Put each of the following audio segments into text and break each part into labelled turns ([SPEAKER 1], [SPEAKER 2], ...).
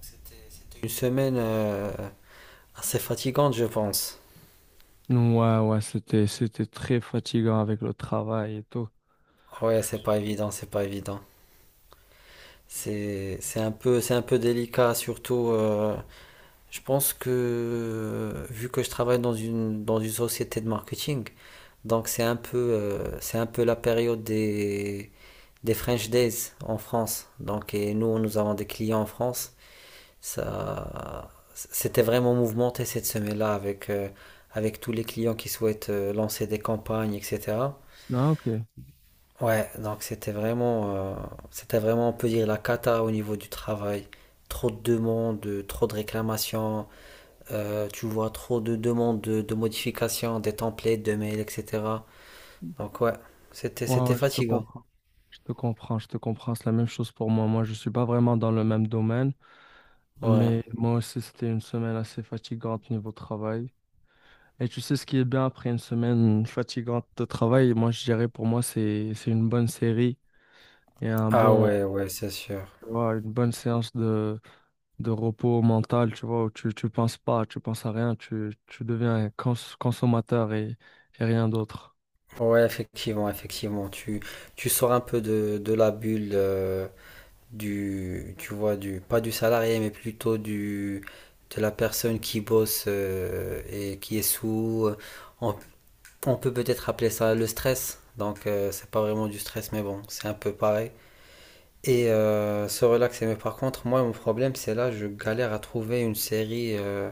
[SPEAKER 1] C'était une semaine assez fatigante, je pense.
[SPEAKER 2] Ouais, ouais, c'était très fatigant avec le travail et tout.
[SPEAKER 1] Ouais,
[SPEAKER 2] Je
[SPEAKER 1] c'est pas évident, c'est pas évident. C'est un peu, c'est un peu délicat, surtout. Je pense que vu que je travaille dans une société de marketing, donc c'est un peu la période des French Days en France. Donc, et nous avons des clients en France. Ça, c'était vraiment mouvementé cette semaine-là avec, avec tous les clients qui souhaitent lancer des campagnes, etc.
[SPEAKER 2] Ok. Ouais,
[SPEAKER 1] Ouais, donc c'était c'était vraiment, on peut dire, la cata au niveau du travail. Trop de demandes, trop de réclamations, tu vois trop de demandes de modifications, des templates, de mails, etc. Donc ouais, c'était
[SPEAKER 2] ouais, je te
[SPEAKER 1] fatigant.
[SPEAKER 2] comprends. Je te comprends, je te comprends. C'est la même chose pour moi. Moi, je suis pas vraiment dans le même domaine,
[SPEAKER 1] Ouais.
[SPEAKER 2] mais moi aussi, c'était une semaine assez fatigante niveau travail. Et tu sais ce qui est bien après une semaine fatigante de travail, moi, je dirais pour moi, c'est une bonne série et un
[SPEAKER 1] Ah
[SPEAKER 2] bon,
[SPEAKER 1] ouais, ouais, c'est sûr.
[SPEAKER 2] tu vois, une bonne séance de repos mental, tu vois, où tu penses pas, tu penses à rien, tu deviens un consommateur et rien d'autre.
[SPEAKER 1] Ouais, effectivement, effectivement. Tu sors un peu de la bulle du, pas du salarié, mais plutôt du, de la personne qui bosse et qui est sous. On peut peut-être appeler ça le stress. Donc, c'est pas vraiment du stress, mais bon, c'est un peu pareil. Et se relaxer. Mais par contre, moi, mon problème, c'est là, je galère à trouver une série.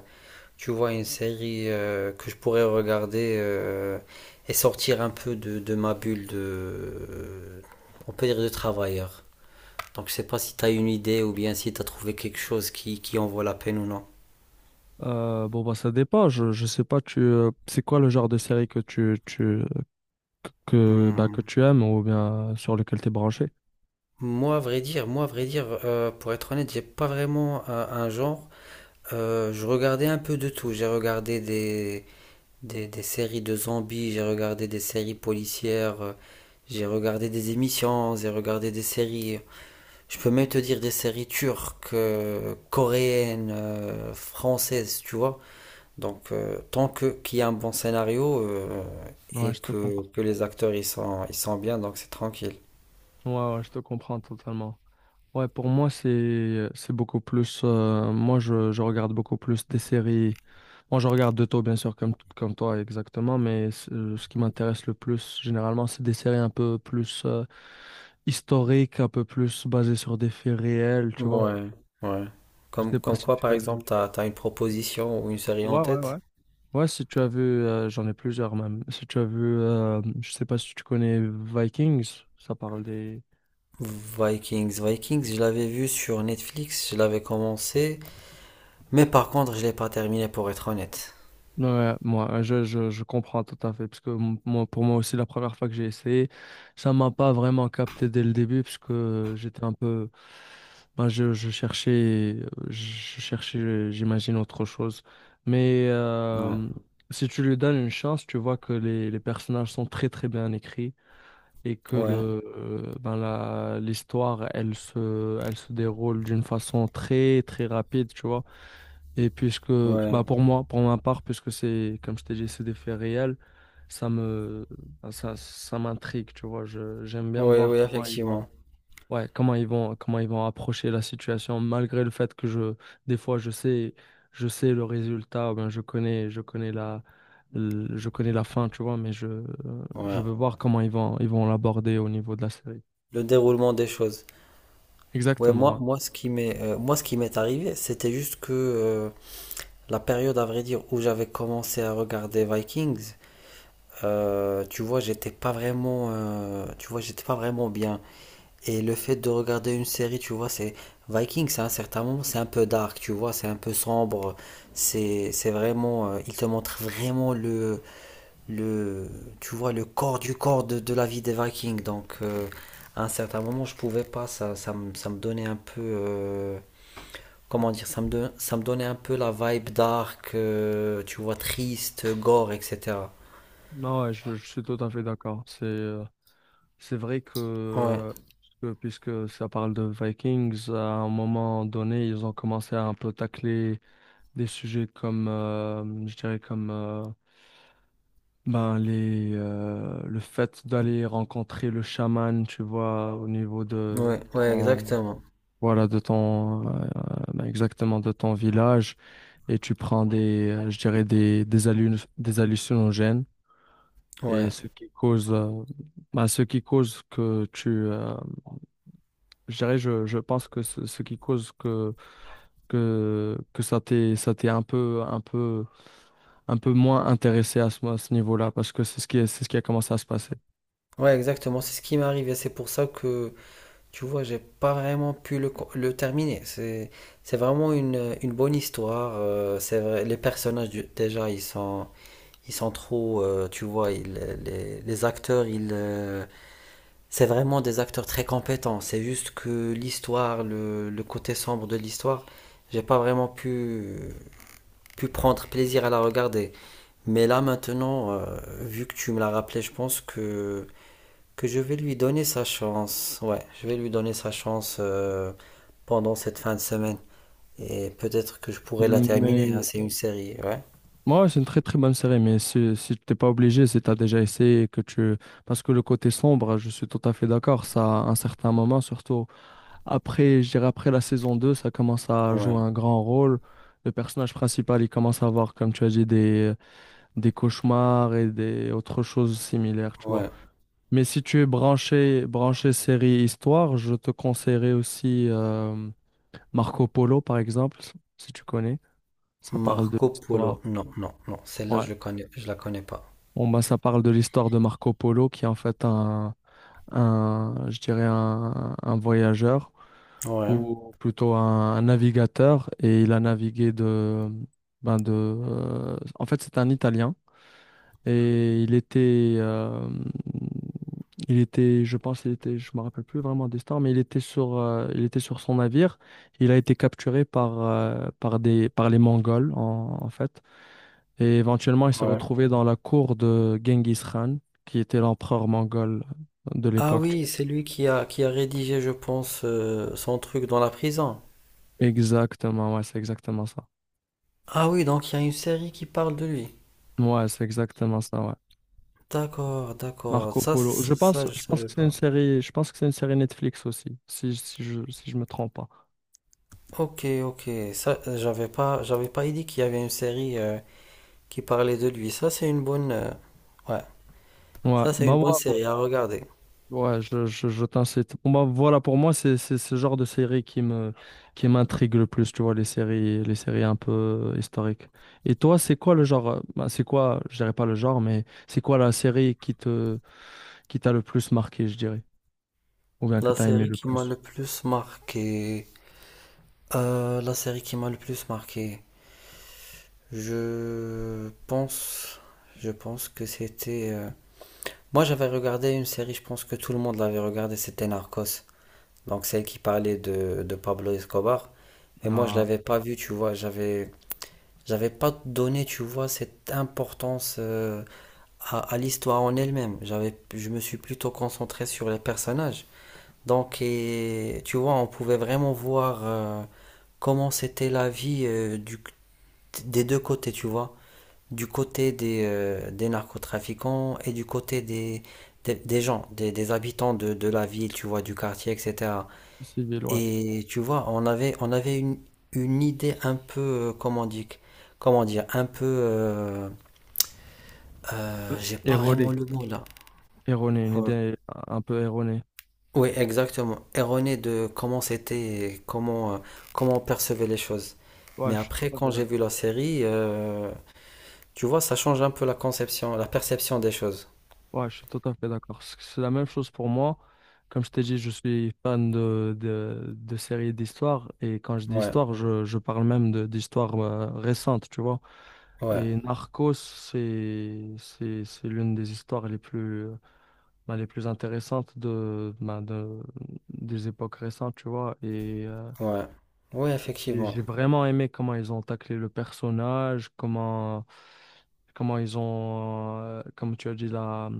[SPEAKER 1] Tu vois, une série que je pourrais regarder et sortir un peu de ma bulle de. On peut dire de travailleur. Donc, je sais pas si tu as une idée ou bien si tu as trouvé quelque chose qui en vaut la peine ou non.
[SPEAKER 2] Bon, bah, ça dépend, je sais pas, c'est quoi le genre de série que
[SPEAKER 1] Hmm.
[SPEAKER 2] tu aimes ou bien sur lequel tu es branché?
[SPEAKER 1] Moi, à vrai dire, pour être honnête, j'ai pas vraiment un genre. Je regardais un peu de tout. J'ai regardé des séries de zombies, j'ai regardé des séries policières, j'ai regardé des émissions, j'ai regardé des séries. Je peux même te dire des séries turques, coréennes, françaises, tu vois. Donc, tant que qu'il y a un bon scénario
[SPEAKER 2] Ouais,
[SPEAKER 1] et
[SPEAKER 2] je te comprends.
[SPEAKER 1] que les acteurs ils sont bien, donc c'est tranquille.
[SPEAKER 2] Ouais, ouais, je te comprends totalement. Ouais, pour moi, c'est beaucoup plus. Je regarde beaucoup plus des séries. Moi, je regarde de tout, bien sûr, comme, comme toi, exactement. Mais ce ce qui m'intéresse le plus, généralement, c'est des séries un peu plus historiques, un peu plus basées sur des faits réels, tu vois.
[SPEAKER 1] Ouais, ouais.
[SPEAKER 2] Je sais pas
[SPEAKER 1] Comme
[SPEAKER 2] si
[SPEAKER 1] quoi,
[SPEAKER 2] tu
[SPEAKER 1] par
[SPEAKER 2] as
[SPEAKER 1] exemple,
[SPEAKER 2] vu.
[SPEAKER 1] t'as une proposition ou une série en
[SPEAKER 2] Ouais, ouais, ouais.
[SPEAKER 1] tête?
[SPEAKER 2] Ouais, si tu as vu, j'en ai plusieurs même. Si tu as vu, je sais pas si tu connais Vikings, ça parle des,
[SPEAKER 1] Vikings, Vikings, je l'avais vu sur Netflix, je l'avais commencé, mais par contre, je l'ai pas terminé pour être honnête.
[SPEAKER 2] ouais, ouais, moi, je comprends tout à fait, parce que moi, pour moi aussi, la première fois que j'ai essayé, ça m'a pas vraiment capté dès le début, parce que j'étais un peu, ben, je cherchais, j'imagine autre chose. Mais
[SPEAKER 1] Ouais,
[SPEAKER 2] si tu lui donnes une chance, tu vois que les personnages sont très très bien écrits et que
[SPEAKER 1] ouais,
[SPEAKER 2] l'histoire, elle se déroule d'une façon très très rapide, tu vois. Et puisque, bah
[SPEAKER 1] ouais,
[SPEAKER 2] pour moi, pour ma part, puisque c'est, comme je t'ai dit, c'est des faits réels, ça me, bah, ça m'intrigue, tu vois. Je, j'aime bien
[SPEAKER 1] ouais,
[SPEAKER 2] voir
[SPEAKER 1] ouais,
[SPEAKER 2] comment ils vont,
[SPEAKER 1] effectivement.
[SPEAKER 2] ouais, comment ils vont approcher la situation, malgré le fait que des fois, je sais le résultat, ben, je connais, je connais la fin, tu vois, mais je
[SPEAKER 1] Ouais.
[SPEAKER 2] veux voir comment ils vont l'aborder au niveau de la série.
[SPEAKER 1] Le déroulement des choses. Ouais,
[SPEAKER 2] Exactement,
[SPEAKER 1] moi,
[SPEAKER 2] ouais.
[SPEAKER 1] moi, ce qui moi, ce qui m'est arrivé, c'était juste que la période, à vrai dire, où j'avais commencé à regarder Vikings, tu vois, j'étais pas tu vois, j'étais pas vraiment bien. Et le fait de regarder une série, tu vois, c'est Vikings, à un certain moment, c'est un peu dark, tu vois, c'est un peu sombre. C'est vraiment, il te montre vraiment le, tu vois, le corps du corps de la vie des Vikings. Donc, à un certain moment, je pouvais pas, ça me donnait un peu, comment dire, ça me donnait un peu la vibe dark, tu vois, triste, gore, etc.
[SPEAKER 2] Non, ouais, je suis tout à fait d'accord. C'est vrai que,
[SPEAKER 1] Ouais,
[SPEAKER 2] puisque ça parle de Vikings, à un moment donné, ils ont commencé à un peu tacler des sujets comme, je dirais comme, ben les, le fait d'aller rencontrer le chaman, tu vois, au niveau de
[SPEAKER 1] ouais, ouais,
[SPEAKER 2] ton,
[SPEAKER 1] exactement.
[SPEAKER 2] voilà, de ton, exactement de ton village, et tu prends des, je dirais des hallu- des hallucinogènes, et
[SPEAKER 1] Ouais,
[SPEAKER 2] ce qui cause, ce qui cause que je dirais, je pense que ce qui cause que ça t'est, un peu moins intéressé à à ce niveau-là, parce que c'est ce qui est, c'est ce qui a commencé à se passer.
[SPEAKER 1] ouais, exactement. C'est ce qui m'est arrivé. C'est pour ça que tu vois, j'ai pas vraiment pu le terminer. C'est vraiment une bonne histoire. C'est vrai, les personnages, déjà, ils sont trop. Tu vois, les acteurs, c'est vraiment des acteurs très compétents. C'est juste que l'histoire, le côté sombre de l'histoire, j'ai pas vraiment pu prendre plaisir à la regarder. Mais là, maintenant, vu que tu me l'as rappelé, je pense que je vais lui donner sa chance. Ouais, je vais lui donner sa chance pendant cette fin de semaine. Et peut-être que je pourrais la terminer, hein,
[SPEAKER 2] Mais
[SPEAKER 1] c'est une série, ouais.
[SPEAKER 2] moi, ouais, c'est une très très bonne série, mais si, si tu t'es pas obligé, si t'as déjà essayé, et que tu... Parce que le côté sombre, je suis tout à fait d'accord, ça, à un certain moment, surtout après, je dirais après la saison 2 ça commence à jouer
[SPEAKER 1] Ouais,
[SPEAKER 2] un grand rôle. Le personnage principal, il commence à avoir, comme tu as dit, des cauchemars et des autres choses similaires, tu vois.
[SPEAKER 1] ouais.
[SPEAKER 2] Mais si tu es branché, branché série histoire, je te conseillerais aussi Marco Polo, par exemple, si tu connais. Ça parle de
[SPEAKER 1] Marco
[SPEAKER 2] l'histoire.
[SPEAKER 1] Polo. Non, non, non. Celle-là,
[SPEAKER 2] Ouais.
[SPEAKER 1] je le connais, je la connais pas.
[SPEAKER 2] Bon, bah, ça parle de l'histoire de Marco Polo, qui est en fait un je dirais un voyageur,
[SPEAKER 1] Ouais,
[SPEAKER 2] ou plutôt un navigateur, et il a navigué de, ben de, en fait, c'est un Italien. Et il était, je pense, il était, je me rappelle plus vraiment des stars, mais il était sur son navire. Il a été capturé par, par les Mongols en, en fait. Et éventuellement, il s'est
[SPEAKER 1] ouais.
[SPEAKER 2] retrouvé dans la cour de Genghis Khan, qui était l'empereur mongol de
[SPEAKER 1] Ah
[SPEAKER 2] l'époque. Tu
[SPEAKER 1] oui,
[SPEAKER 2] vois.
[SPEAKER 1] c'est lui qui a rédigé, je pense, son truc dans la prison.
[SPEAKER 2] Exactement, ouais, c'est exactement ça.
[SPEAKER 1] Ah oui, donc il y a une série qui parle de lui.
[SPEAKER 2] Ouais, c'est exactement ça, ouais.
[SPEAKER 1] D'accord, d'accord.
[SPEAKER 2] Marco Polo.
[SPEAKER 1] Ça, je
[SPEAKER 2] Je pense
[SPEAKER 1] savais
[SPEAKER 2] que c'est une
[SPEAKER 1] pas.
[SPEAKER 2] série, je pense que c'est une série Netflix aussi, si, si je me trompe pas.
[SPEAKER 1] Ok, ok. Ça, j'avais pas idée qu'il y avait une série qui parlait de lui. Ça, c'est une bonne, ouais,
[SPEAKER 2] Ouais,
[SPEAKER 1] ça, c'est
[SPEAKER 2] bah
[SPEAKER 1] une bonne
[SPEAKER 2] ouais,
[SPEAKER 1] série à regarder.
[SPEAKER 2] ouais, je t'incite. Bon, bah, voilà, pour moi, c'est ce genre de série qui m'intrigue le plus, tu vois, les séries un peu historiques. Et toi, c'est quoi le genre, c'est quoi, je dirais pas le genre, mais c'est quoi la série qui t'a le plus marqué, je dirais, ou bien que
[SPEAKER 1] La
[SPEAKER 2] t'as aimé
[SPEAKER 1] série
[SPEAKER 2] le
[SPEAKER 1] qui m'a
[SPEAKER 2] plus?
[SPEAKER 1] le plus marqué, la série qui m'a le plus marqué, je pense, je pense que moi, j'avais regardé une série, je pense que tout le monde l'avait regardée, c'était Narcos. Donc celle qui parlait de Pablo Escobar. Mais moi, je
[SPEAKER 2] Ah.
[SPEAKER 1] l'avais pas vue, tu vois, j'avais pas donné, tu vois, cette importance. À, à l'histoire en elle-même. J'avais, je me suis plutôt concentré sur les personnages. Donc, et, tu vois, on pouvait vraiment voir comment c'était la vie du, des deux côtés, tu vois. Du côté des narcotrafiquants et du côté des gens, des habitants de la ville, tu vois, du quartier, etc.
[SPEAKER 2] Civil, ouais.
[SPEAKER 1] Et tu vois, on avait une idée un peu, euh, comment dire, comment dire, un peu,
[SPEAKER 2] Euh,
[SPEAKER 1] j'ai pas vraiment
[SPEAKER 2] Erroné.
[SPEAKER 1] le mot là.
[SPEAKER 2] Erroné, une
[SPEAKER 1] Euh,
[SPEAKER 2] idée un peu erronée.
[SPEAKER 1] Oui, exactement. Erroné de comment c'était, et comment, comment on percevait les choses.
[SPEAKER 2] Ouais,
[SPEAKER 1] Mais
[SPEAKER 2] je suis tout
[SPEAKER 1] après,
[SPEAKER 2] à fait
[SPEAKER 1] quand j'ai vu
[SPEAKER 2] d'accord.
[SPEAKER 1] la série, tu vois, ça change un peu la conception, la perception des choses.
[SPEAKER 2] Ouais, je suis tout à fait d'accord. C'est la même chose pour moi. Comme je t'ai dit, je suis fan de séries d'histoire. Et quand je dis
[SPEAKER 1] Ouais,
[SPEAKER 2] histoire, je parle même de, d'histoire récente, tu vois.
[SPEAKER 1] ouais,
[SPEAKER 2] Et Narcos, c'est l'une des histoires les plus, les plus intéressantes de, bah, de, des époques récentes, tu vois. Et
[SPEAKER 1] ouais. Oui, effectivement.
[SPEAKER 2] j'ai vraiment aimé comment ils ont taclé le personnage, comment, comment ils ont, comme tu as dit, la,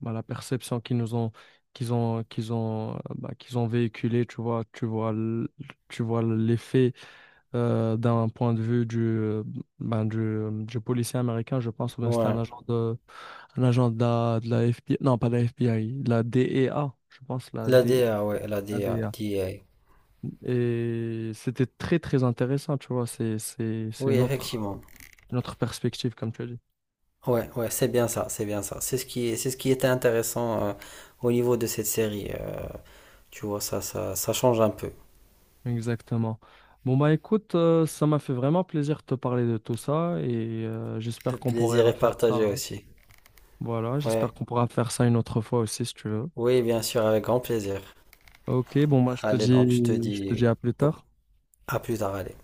[SPEAKER 2] bah, la perception qu'ils nous ont, qu'ils ont, qu'ils ont, qu'ils ont véhiculé, tu vois, tu vois l'effet d'un point de vue du, du policier américain, je pense, ou bien c'était
[SPEAKER 1] Ouais.
[SPEAKER 2] un agent de la FBI, non, pas de la FBI, de la DEA, je pense, la
[SPEAKER 1] La
[SPEAKER 2] D,
[SPEAKER 1] DA, ouais, la DA, DA.
[SPEAKER 2] et c'était très, très intéressant, tu vois. C'est
[SPEAKER 1] Oui, effectivement.
[SPEAKER 2] une autre perspective, comme tu as dit.
[SPEAKER 1] Ouais, ouais, c'est bien ça, c'est bien ça. C'est ce c'est ce qui était intéressant au niveau de cette série. Tu vois, ça change un peu.
[SPEAKER 2] Exactement. Bon, bah écoute, ça m'a fait vraiment plaisir de te parler de tout ça et
[SPEAKER 1] Le
[SPEAKER 2] j'espère qu'on pourrait
[SPEAKER 1] plaisir est
[SPEAKER 2] refaire ça.
[SPEAKER 1] partagé
[SPEAKER 2] Hein.
[SPEAKER 1] aussi.
[SPEAKER 2] Voilà, j'espère
[SPEAKER 1] Ouais.
[SPEAKER 2] qu'on pourra faire ça une autre fois aussi, si tu veux.
[SPEAKER 1] Oui, bien sûr, avec grand plaisir.
[SPEAKER 2] Ok, bon, bah
[SPEAKER 1] Allez, donc je te
[SPEAKER 2] je te
[SPEAKER 1] dis
[SPEAKER 2] dis à plus tard.
[SPEAKER 1] à plus tard, allez.